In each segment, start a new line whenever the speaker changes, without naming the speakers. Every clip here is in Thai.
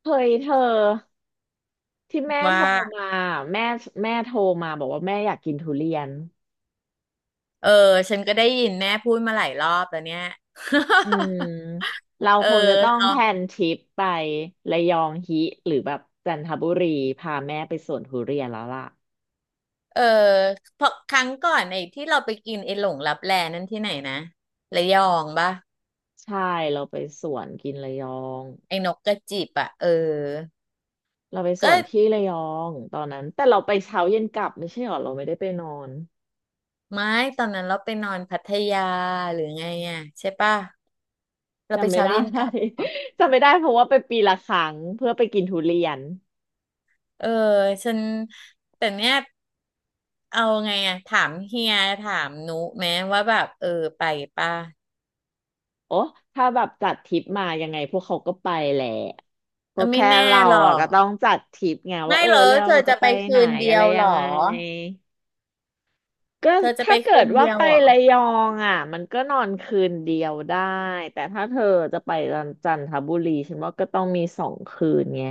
เคยเธอที่แม่
ว่า
โทรมาแม่แม่โทรมาบอกว่าแม่อยากกินทุเรียน
เออฉันก็ได้ยินแม่พูดมาหลายรอบแล้วเนี่ย
อืม เรา
เออ
คงจะต้องแพล
เนาะ
นทริปไประยองฮิหรือแบบจันทบุรีพาแม่ไปสวนทุเรียนแล้วล่ะ
เออเพราะครั้งก่อนไอ้ที่เราไปกินไอ้หลงลับแลนั่นที่ไหนนะระยองปะ
ใช่เราไปสวนกินระยอง
ไอ้นกกระจิบอ่ะเออ
เราไปส
ก็
วนที่ระยองตอนนั้นแต่เราไปเช้าเย็นกลับไม่ใช่หรอเราไม่ได้ไปนอน
ไม่ตอนนั้นเราไปนอนพัทยาหรือไงอ่ะใช่ปะเราไป
จำไม่
เช้า
ได้
เย็นกลับเหรอ
จำไม่ได้เพราะว่าไปปีละครั้งเพื่อไปกินทุเรียน
เออฉันแต่เนี้ยเอาไงอ่ะถามเฮียถามนุไหมว่าแบบเออไปปะ
โอ้ถ้าแบบจัดทริปมายังไงพวกเขาก็ไปแหละ ก็
ก็ไม่
แค่
แน่
เรา
หรอ
อ่ะ
ก
ก็ต้องจัดทริปไงว่า
ไม่
เออ
เหรอ
เรา
เธอ
จะ
จะ
ไป
ไป
ไหน
คืนเดี
อะ
ย
ไร
วเห
ยั
ร
ง
อ
ไงก็
เธอจะไป
ถ้าเกิ
คื
ด
น
ว่า
เดียว
ไป
เหรอ
ระยองอ่ะมันก็นอนคืนเดียวได้แต่ถ้าเธอจะไปจันทบุรีฉันว่าก็ต้องมี2 คืนไง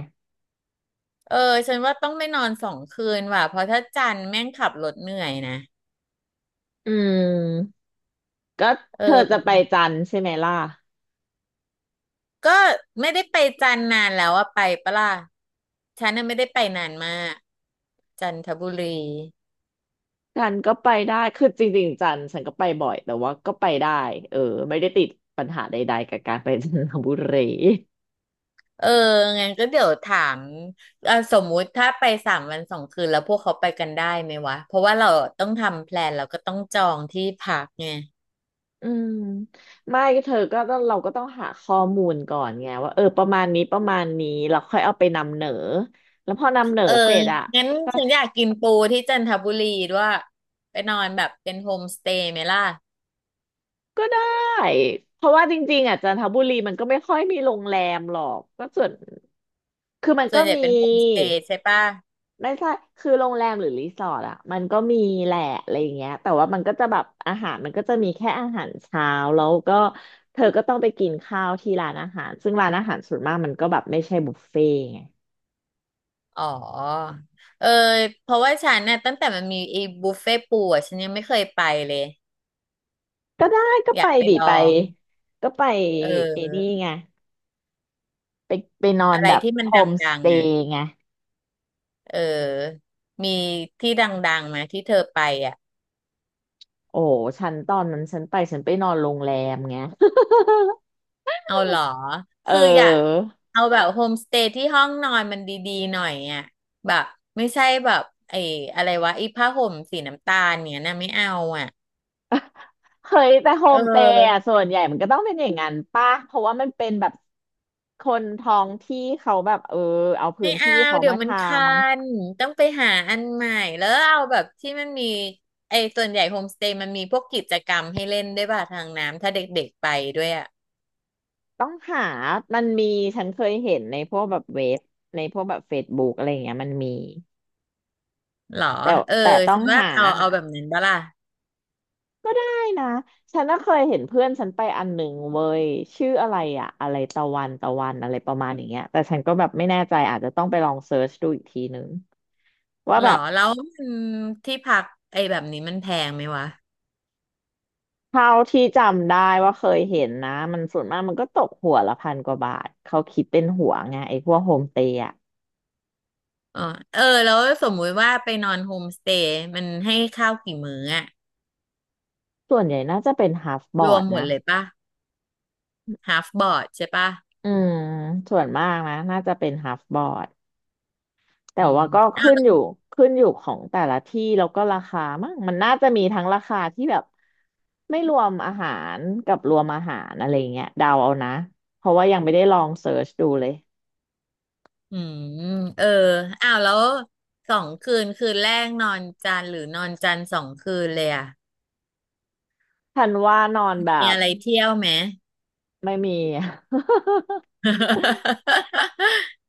เออฉันว่าต้องไม่นอนสองคืนว่ะเพราะถ้าจันทร์แม่งขับรถเหนื่อยนะ
อืมก็
เอ
เธอจะไป
อ
จันทร์ใช่ไหมล่ะ
ก็ไม่ได้ไปจันทร์นานแล้วอะไปปะล่ะฉันน่ะไม่ได้ไปนานมากจันทบุรี
จันทร์ก็ไปได้คือจริงๆจันทร์ฉันก็ไปบ่อยแต่ว่าก็ไปได้เออไม่ได้ติดปัญหาใดๆกับการไปจันทบุรี
เอองั้นก็เดี๋ยวถามสมมุติถ้าไปสามวันสองคืนแล้วพวกเขาไปกันได้ไหมวะเพราะว่าเราต้องทำแพลนแล้วก็ต้องจองที่พักไง
อืมไม่ก็เธอก็ต้องเราก็ต้องหาข้อมูลก่อนไงว่าเออประมาณนี้ประมาณนี้เราค่อยเอาไปนำเหนอแล้วพอนำเหนอ
เออ
เสร็จอ่ะ
งั้น
ก็
ฉันอยากกินปูที่จันทบุรีด้วยไปนอนแบบเป็นโฮมสเตย์ไหมล่ะ
ก็ได้เพราะว่าจริงๆอ่ะจันทบุรีมันก็ไม่ค่อยมีโรงแรมหรอกก็ส่วนคือมัน
ส่ว
ก็
นใหญ่
มี
เป็นโฮมสเตย์ใช่ป่ะ
ไม่ใช่คือโรงแรมหรือรีสอร์ทอ่ะมันก็มีแหละอะไรอย่างเงี้ยแต่ว่ามันก็จะแบบอาหารมันก็จะมีแค่อาหารเช้าแล้วก็เธอก็ต้องไปกินข้าวที่ร้านอาหารซึ่งร้านอาหารส่วนมากมันก็แบบไม่ใช่บุฟเฟ่ต์ไง
อ๋อเออเพราะว่าฉันเนี่ยตั้งแต่มันมีไอ้บุฟเฟ่ปูอ่ะฉันยังไม่เคยไปเลย
ก็ได้ก็
อ
ไป
ยากไป
ดิ
ลอ
ไป
ง
ก็ไป
เ
เอนี่
ออ
ไงไปไปนอน
อะไร
แบบ
ที่มั
โฮ
นด
มส
ัง
เต
ๆอ่ะ
ย์ไง
เออมีที่ดังๆไหมที่เธอไปอ่ะ
โอ้ฉันตอนนั้นฉันไปฉันไปนอนโรงแรมไง
เอาเหรอ
เ
คืออยาก
ออ
เอาแบบโฮมสเตย์ที่ห้องนอนมันดีๆหน่อยอ่ะแบบไม่ใช่แบบไอ้อะไรวะไอ้ผ้าห่มสีน้ำตาลเนี่ยนะไม่เอาอ่ะ
เฮ้ยแต่โฮ
เอ
มสเตย์อ่ะ
อ
ส่วนใหญ่มันก็ต้องเป็นอย่างนั้นป่ะเพราะว่ามันเป็นแบบคนท้องที่เขาแบบเออเอาพื้
ไม่
น
เอา
ที่เขา
เดี๋ย
มา
วมัน
ทำ
คันต้องไปหาอันใหม่แล้วเอาแบบที่มันมีไอ้ส่วนใหญ่โฮมสเตย์มันมีพวกกิจกรรมให้เล่นด้วยป่ะทางน้ำถ้าเด็กๆไปด้วยอ่ะ
ต้องหามันมีฉันเคยเห็นในพวกแบบเว็บในพวกแบบเฟซบุ๊กอะไรอย่างเงี้ยมันมี
หรอ
แต่
เออ
แต่ต้อ
คิ
ง
ดว่า
หา
เอาแบบนั้นบ้าล่ะ
ก็ได้นะ ฉันก็เคยเห็นเพื่อนฉันไปอันหนึ่งเว้ยชื่ออะไรอะอะไรตะวันตะวันอะไรประมาณอย่างเงี้ยแต่ฉันก็แบบไม่แน่ใจอาจจะต้องไปลองเซิร์ชดูอีกทีนึงว่า
หร
แบ
อ
บ
แล้วมันที่พักไอ้แบบนี้มันแพงไหมวะ
เท่าที่จำได้ว่าเคยเห็นนะมันส่วนมากมันก็ตกหัวละพันกว่าบาท เขาคิดเป็นหัวไงไอ้พวกโฮมสเตย์อะ
อ๋อเออแล้วสมมุติว่าไปนอนโฮมสเตย์มันให้ข้าวกี่มื้ออะ
ส่วนใหญ่น่าจะเป็นฮาฟบ
ร
อ
ว
ร์
ม
ด
หมด
นะ
เลยป่ะ half board ใช่ป่ะ
อืมส่วนมากนะน่าจะเป็นฮาฟบอร์ด แต่
อื
ว่าก็
ม
ขึ้นอยู่ขึ้นอยู่ของแต่ละที่แล้วก็ราคามั้งมันน่าจะมีทั้งราคาที่แบบไม่รวมอาหารกับรวมอาหารอะไรเงี้ยเดาเอานะเพราะว่ายังไม่ได้ลองเสิร์ชดูเลย
อืมเอออ้าวแล้วสองคืนคืนแรกนอนจันทร์หรือนอนจันทร์สองคืนเลยอะ
ทันว่านอนแบ
มี
บ
อะไรเที่ยวไหม
ไม่มี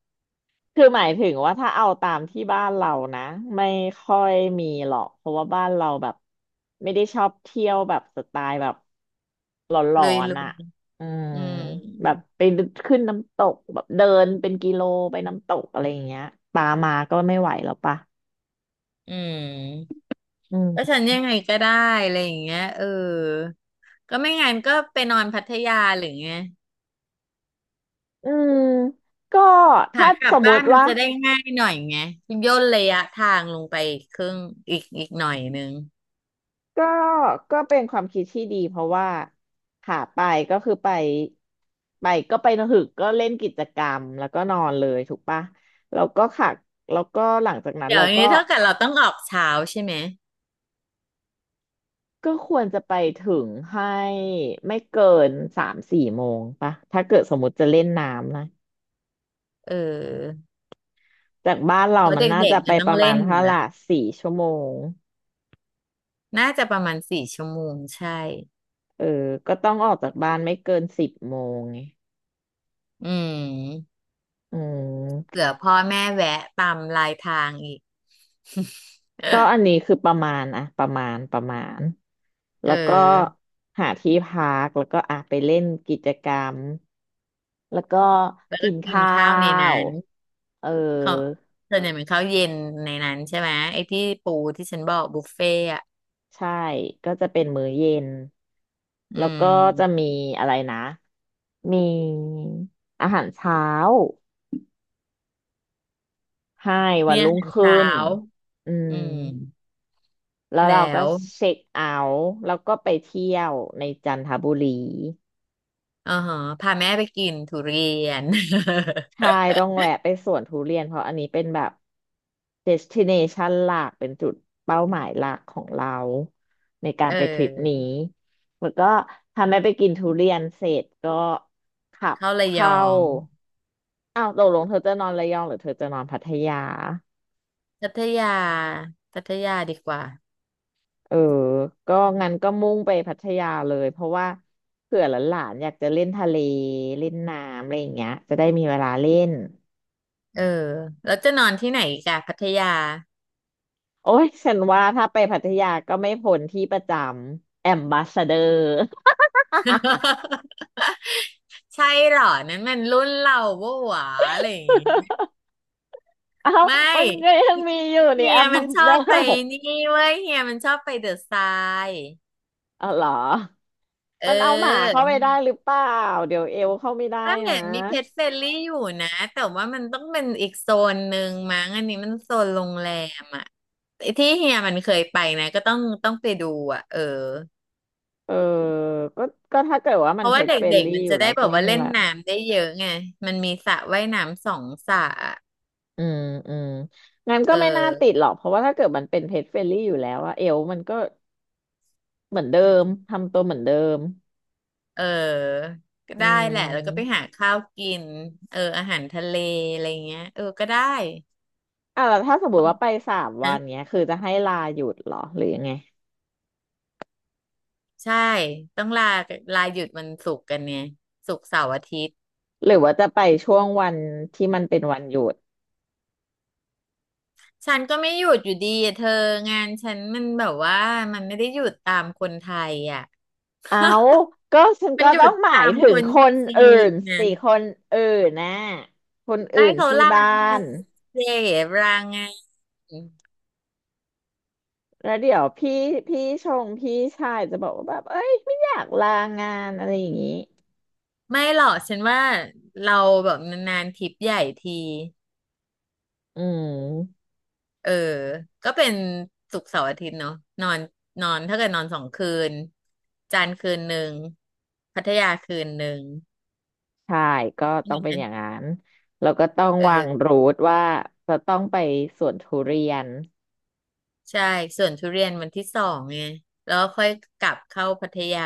คือหมายถึงว่าถ้าเอาตามที่บ้านเรานะไม่ค่อยมีหรอกเพราะว่าบ้านเราแบบไม่ได้ชอบเที่ยวแบบสไตล์แบบหลอ
ลุย
น
ลุ
ๆอ่ะ
ย
อืม
อืม
แบบไปขึ้นน้ำตกแบบเดินเป็นกิโลไปน้ำตกอะไรอย่างเงี้ยปลามาก็ไม่ไหวแล้วปะ
อืม
อื
ก็ฉั
ม
นยังไงก็ได้อะไรอย่างเงี้ยเออก็ไม่งั้นก็ไปนอนพัทยาหรือไง
อืมก็ถ้า
หาก
ส
ลับ
มม
บ้าน
ติ
มัน
ว่า
จะได้ง่ายหน่อยไงย่นระยะทางลงไปครึ่งอีกหน่อยนึง
ก็ก็เป็นความคิดที่ดีเพราะว่าขาไปก็คือไปไปก็ไปนะหึกก็เล่นกิจกรรมแล้วก็นอนเลยถูกปะแล้วก็ขาแล้วก็หลังจากนั้น
เดี๋ย
เรา
ว
ก็
นี้เท่ากับเราต้องออกเช้าใช่ไหม
ก็ควรจะไปถึงให้ไม่เกิน3-4 โมงปะถ้าเกิดสมมติจะเล่นน้ำนะ
เออ
จากบ้านเรา
เพราะ
มั
เ
นน่า
ด็ก
จะ
ๆ
ไป
มันต้
ป
อง
ระมา
เล่
ณ
นอ
เท่า
ยู่
ไห
แล้
ร่
ว
4 ชั่วโมง
น่าจะประมาณสี่ชั่วโมงใช่
เออก็ต้องออกจากบ้านไม่เกิน10 โมงไง
อืม
อืม
เผื่อพ่อแม่แวะตามลายทางอีก
ก็อัน นี้คือประมาณอะประมาณ
เอ
แล้วก็
อ
หาที่พักแล้วก็อ่ะไปเล่นกิจกรรมแล้วก็
แล้ว
กิ
ก็
น
กิน
ข้า
ข้าวใน
ว
นั้น
เออ
เขาส่วนใหญ่เป็นข้าวเย็นในนั้นใช่ไหมไอ้ที่ปูที่ฉันบอกบุฟเฟ่อะ
ใช่ก็จะเป็นมื้อเย็น
อื
แล้วก็จะ
ม
มีอะไรนะมีอาหารเช้าให้วัน
เนี่ย
รุ่
อา
ง
หาร
ขึ้
เช้า
นอืม
อืม
แล้ว
แล้
เราก็
ว
เช็คเอาท์แล้วก็ไปเที่ยวในจันทบุรี
อ่าฮะพาแม่ไปกินทุเรียน
ใช่ ต้องแวะไปสวนทุเรียน เพราะอันนี้เป็นแบบ destination หลักเป็นจุดเป้าหมายหลักของเราในกา
เอ
รไปทริปนี้
อ
แล้วก็ทำให้ไปกินทุเรียนเสร็จก็ขับ
เข้าระย
เข้า
อง
อ้าวตกลงเธอจะนอนระยองหรือเธอจะนอนพัทยา
พัทยา พัทยาดีกว่า
เออก็งั้นก็มุ่งไปพัทยาเลยเพราะว่าเผื่อหลานๆอยากจะเล่นทะเลเล่นน้ำอะไรอย่างเงี้ยจะได้มีเวลาเล่น
เออ แล้วจะนอนที่ไหนอีกอะพัทยา
โอ้ยฉันว่าถ้าไปพัทยาก็ไม่พ้นที่ประจำแอมบาสเดอร์
ใช่เหรอ นั้นมันรุ่นเราโว้หวาอะไรอย่างงี้
เอ้า
ไม่
มันก็ยังมีอยู่นี่
เฮี
แอ
ย
มบา
มัน
ส
ช
เด
อ
อ
บไป
ร์
นี่เว้ยเฮียมันชอบไปเดอะทราย
อ๋อเหรอ
เ
มันเอาหมา
ออ
เข้าไปได้หรือเปล่าเดี๋ยวเอลเข้าไม่ได้
ก็
นะ
เห็นมีเพจเฟรลี่อยู่นะ แต่ว่ามันต้องเป็นอีกโซนหนึ่งมั้งอันนี้มันโซนโรงแรมอ่ะ ที่เฮียมันเคยไปนะก็ต้องไปดูอ่ะเออ
เออก็ก็ถ้าเกิดว่า
เพ
มัน
ราะ
เพ
ว่า
จ
เ
เฟรน
ด็ก
ลี่
ๆมัน
อยู่
จะ
แล้
ได้
ว
แบ
ก็
บ
ไม่
ว่า
เป็น
เล่น
ไร
น้ำได้เยอะไงมันมีสระว่ายน้ำสองสระอะ
อืมอืมงั้นก็
เออ
ไม่น่าติดหรอกเพราะว่าถ้าเกิดมันเป็นเพจเฟรนลี่อยู่แล้วอะเอลมันก็เหมือนเดิมทำตัวเหมือนเดิม
เออก็
อื
ได้แหละแล้วก็ไป
ม
หาข้าวกินเอออาหารทะเลอะไรเงี้ยเออก็ได้
อ่ะแล้วถ้าสมมติว่าไป3 วัน
นะ
เนี้ย คือจะให้ลาหยุดเหรอหรือยังไง
ใช่ต้องลาหยุดวันศุกร์กันเนี่ยศุกร์เสาร์อาทิตย์
หรือว่าจะไปช่วงวันที่มันเป็นวันหยุด
ฉันก็ไม่หยุดอยู่ดีอะเธองานฉันมันแบบว่ามันไม่ได้หยุดตามคนไทยอ่ะ
เอาก็ฉัน
มั
ก็
นหยุ
ต้อ
ด
งหมา
ตา
ย
ม
ถึ
ค
ง
น
คน
จี
อื่
น
น
นะ
สิคนอื่นนะคน
ได้
อื่น
เขา
ที่
ลา
บ้า
ไง
น
เจ็บลาไง
แล้วเดี๋ยวพี่ชงพี่ชายจะบอกว่าแบบเอ้ยไม่อยากลางานอะไรอย่างนี้
ไม่หรอกฉันว่าเราแบบนานๆทริปใหญ่ที
อืม
เออก็เป็นศุกร์เสาร์อาทิตย์เนาะนอนนอนถ้าเกิดนอนสองคืนจันทร์คืนหนึ่งพัทยาคืนหนึ่ง
ใช่ก็ต้องเป็นอย่างนั้นแล้วก็ต้อง
เอ
วาง
อ
รูทว่าจะต้องไปสวนทุเรียน
ใช่ส่วนทุเรียนวันที่สองไงแล้วก็ค่อยกลับเข้าพัทยา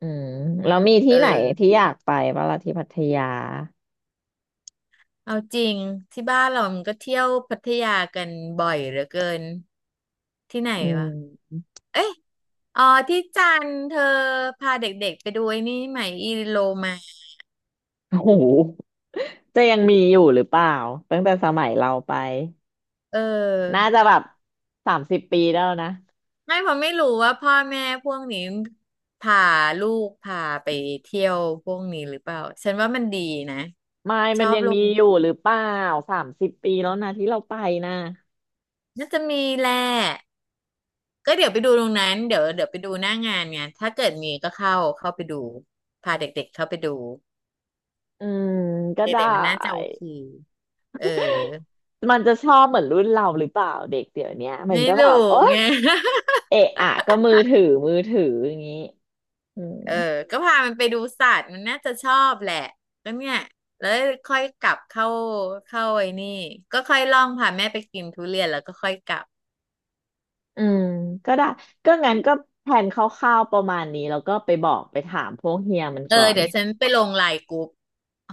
อืมแล้วมีที่
เอ
ไหนที่
อ
อยากไปบ้างล่ะที่พัทยา
เอาจริงที่บ้านเรามันก็เที่ยวพัทยากันบ่อยเหลือเกินที่ไหน
อื
วะ
ม
เอ้ย อ๋อที่จันทร์เธอพาเด็กๆไปดูไอ้นี่ไหมอีโลมา
โอ้โหจะยังมีอยู่หรือเปล่าตั้งแต่สมัยเราไป
เอ
น่า
อ
จะแบบสามสิบปีแล้วนะ
ไม่ผมไม่รู้ว่าพ่อแม่พวกนี้พาลูกพาไปเที่ยวพวกนี้หรือเปล่าฉันว่ามันดีนะ
ไม่
ช
มั
อ
น
บ
ยัง
ล
มี
ง
อยู่หรือเปล่าสามสิบปีแล้วนะที่เราไปนะ
น่าจะมีแหละก็เดี๋ยวไปดูตรงนั้นเดี๋ยวไปดูหน้างานไงถ้าเกิดมีก็เข้าไปดูพาเด็กๆเข้าไปดู
อืมก็ได้
เด็กๆมันน่าจะโอเคเออ
มันจะชอบเหมือนรุ่นเราหรือเปล่าเด็กเดี๋ยวเนี้ยมัน
ไม่
ก็แบ
รู้
บโอ๊ย
ไง
เอะอะก็มือถือมือถืออย่างนี้อืม
เออก็พามันไปดูสัตว์ มันน่าจะชอบแหละแล้วเนี่ยแล้วค่อยกลับเข้าไอ้นี่ก็ค่อยล่องพาแม่ไปกินทุเรียนแล้วก็ค่อยกลับ
อืมก็ได้ก็งั้นก็แผนคร่าวๆประมาณนี้แล้วก็ไปบอกไปถามพวกเฮียมัน
เออ
ก่อน
เดี๋ยวฉันไปลงไลน์กรุ๊ป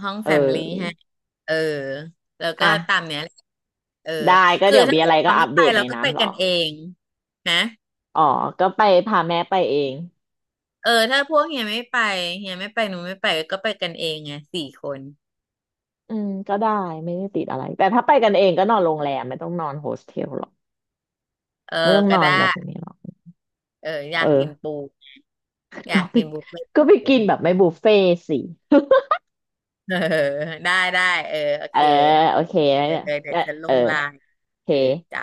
ห้อง
เ
แฟมลี่ให้
ออ
เออแล้ว
อ่ะ
ก็ตามเนี้ยแหละเออ
ได้ก็
คือ
เดี๋ยว
ถ้า
มีอะ
เกิ
ไร
ด
ก็
เรา
อั
ไม่
ป
ไป
เดต
เรา
ใน
ก็
นั้
ไป
นเหรอ
กันเองนะ
อ๋อก็ไปพาแม่ไปเอง
เออถ้าพวกเฮียไม่ไปเฮียไม่ไปหนูไม่ไปก็ไปกันเองไงสี่คน
อืมก็ได้ไม่ได้ติดอะไรแต่ถ้าไปกันเองก็นอนโรงแรมไม่ต้องนอนโฮสเทลหรอก
เออ
ไม่ต้อง
ก็
นอน
ได้
แบบนี้หรอก
เอออ
เอ
ยาก
อ
กินปูอ ยา
ก็
ก
ไป
กินบุฟเฟ่ต์
ก็ไปกินแบบไม่บุฟเฟ่ต์สิ
เออได้ได้เออโอ
เออ
เค
โอเคแล้ว
เออเออเดี๋ยว
เนี่ย
ฉันล
เออ
งไลน์
โอเค
เออจ้ะ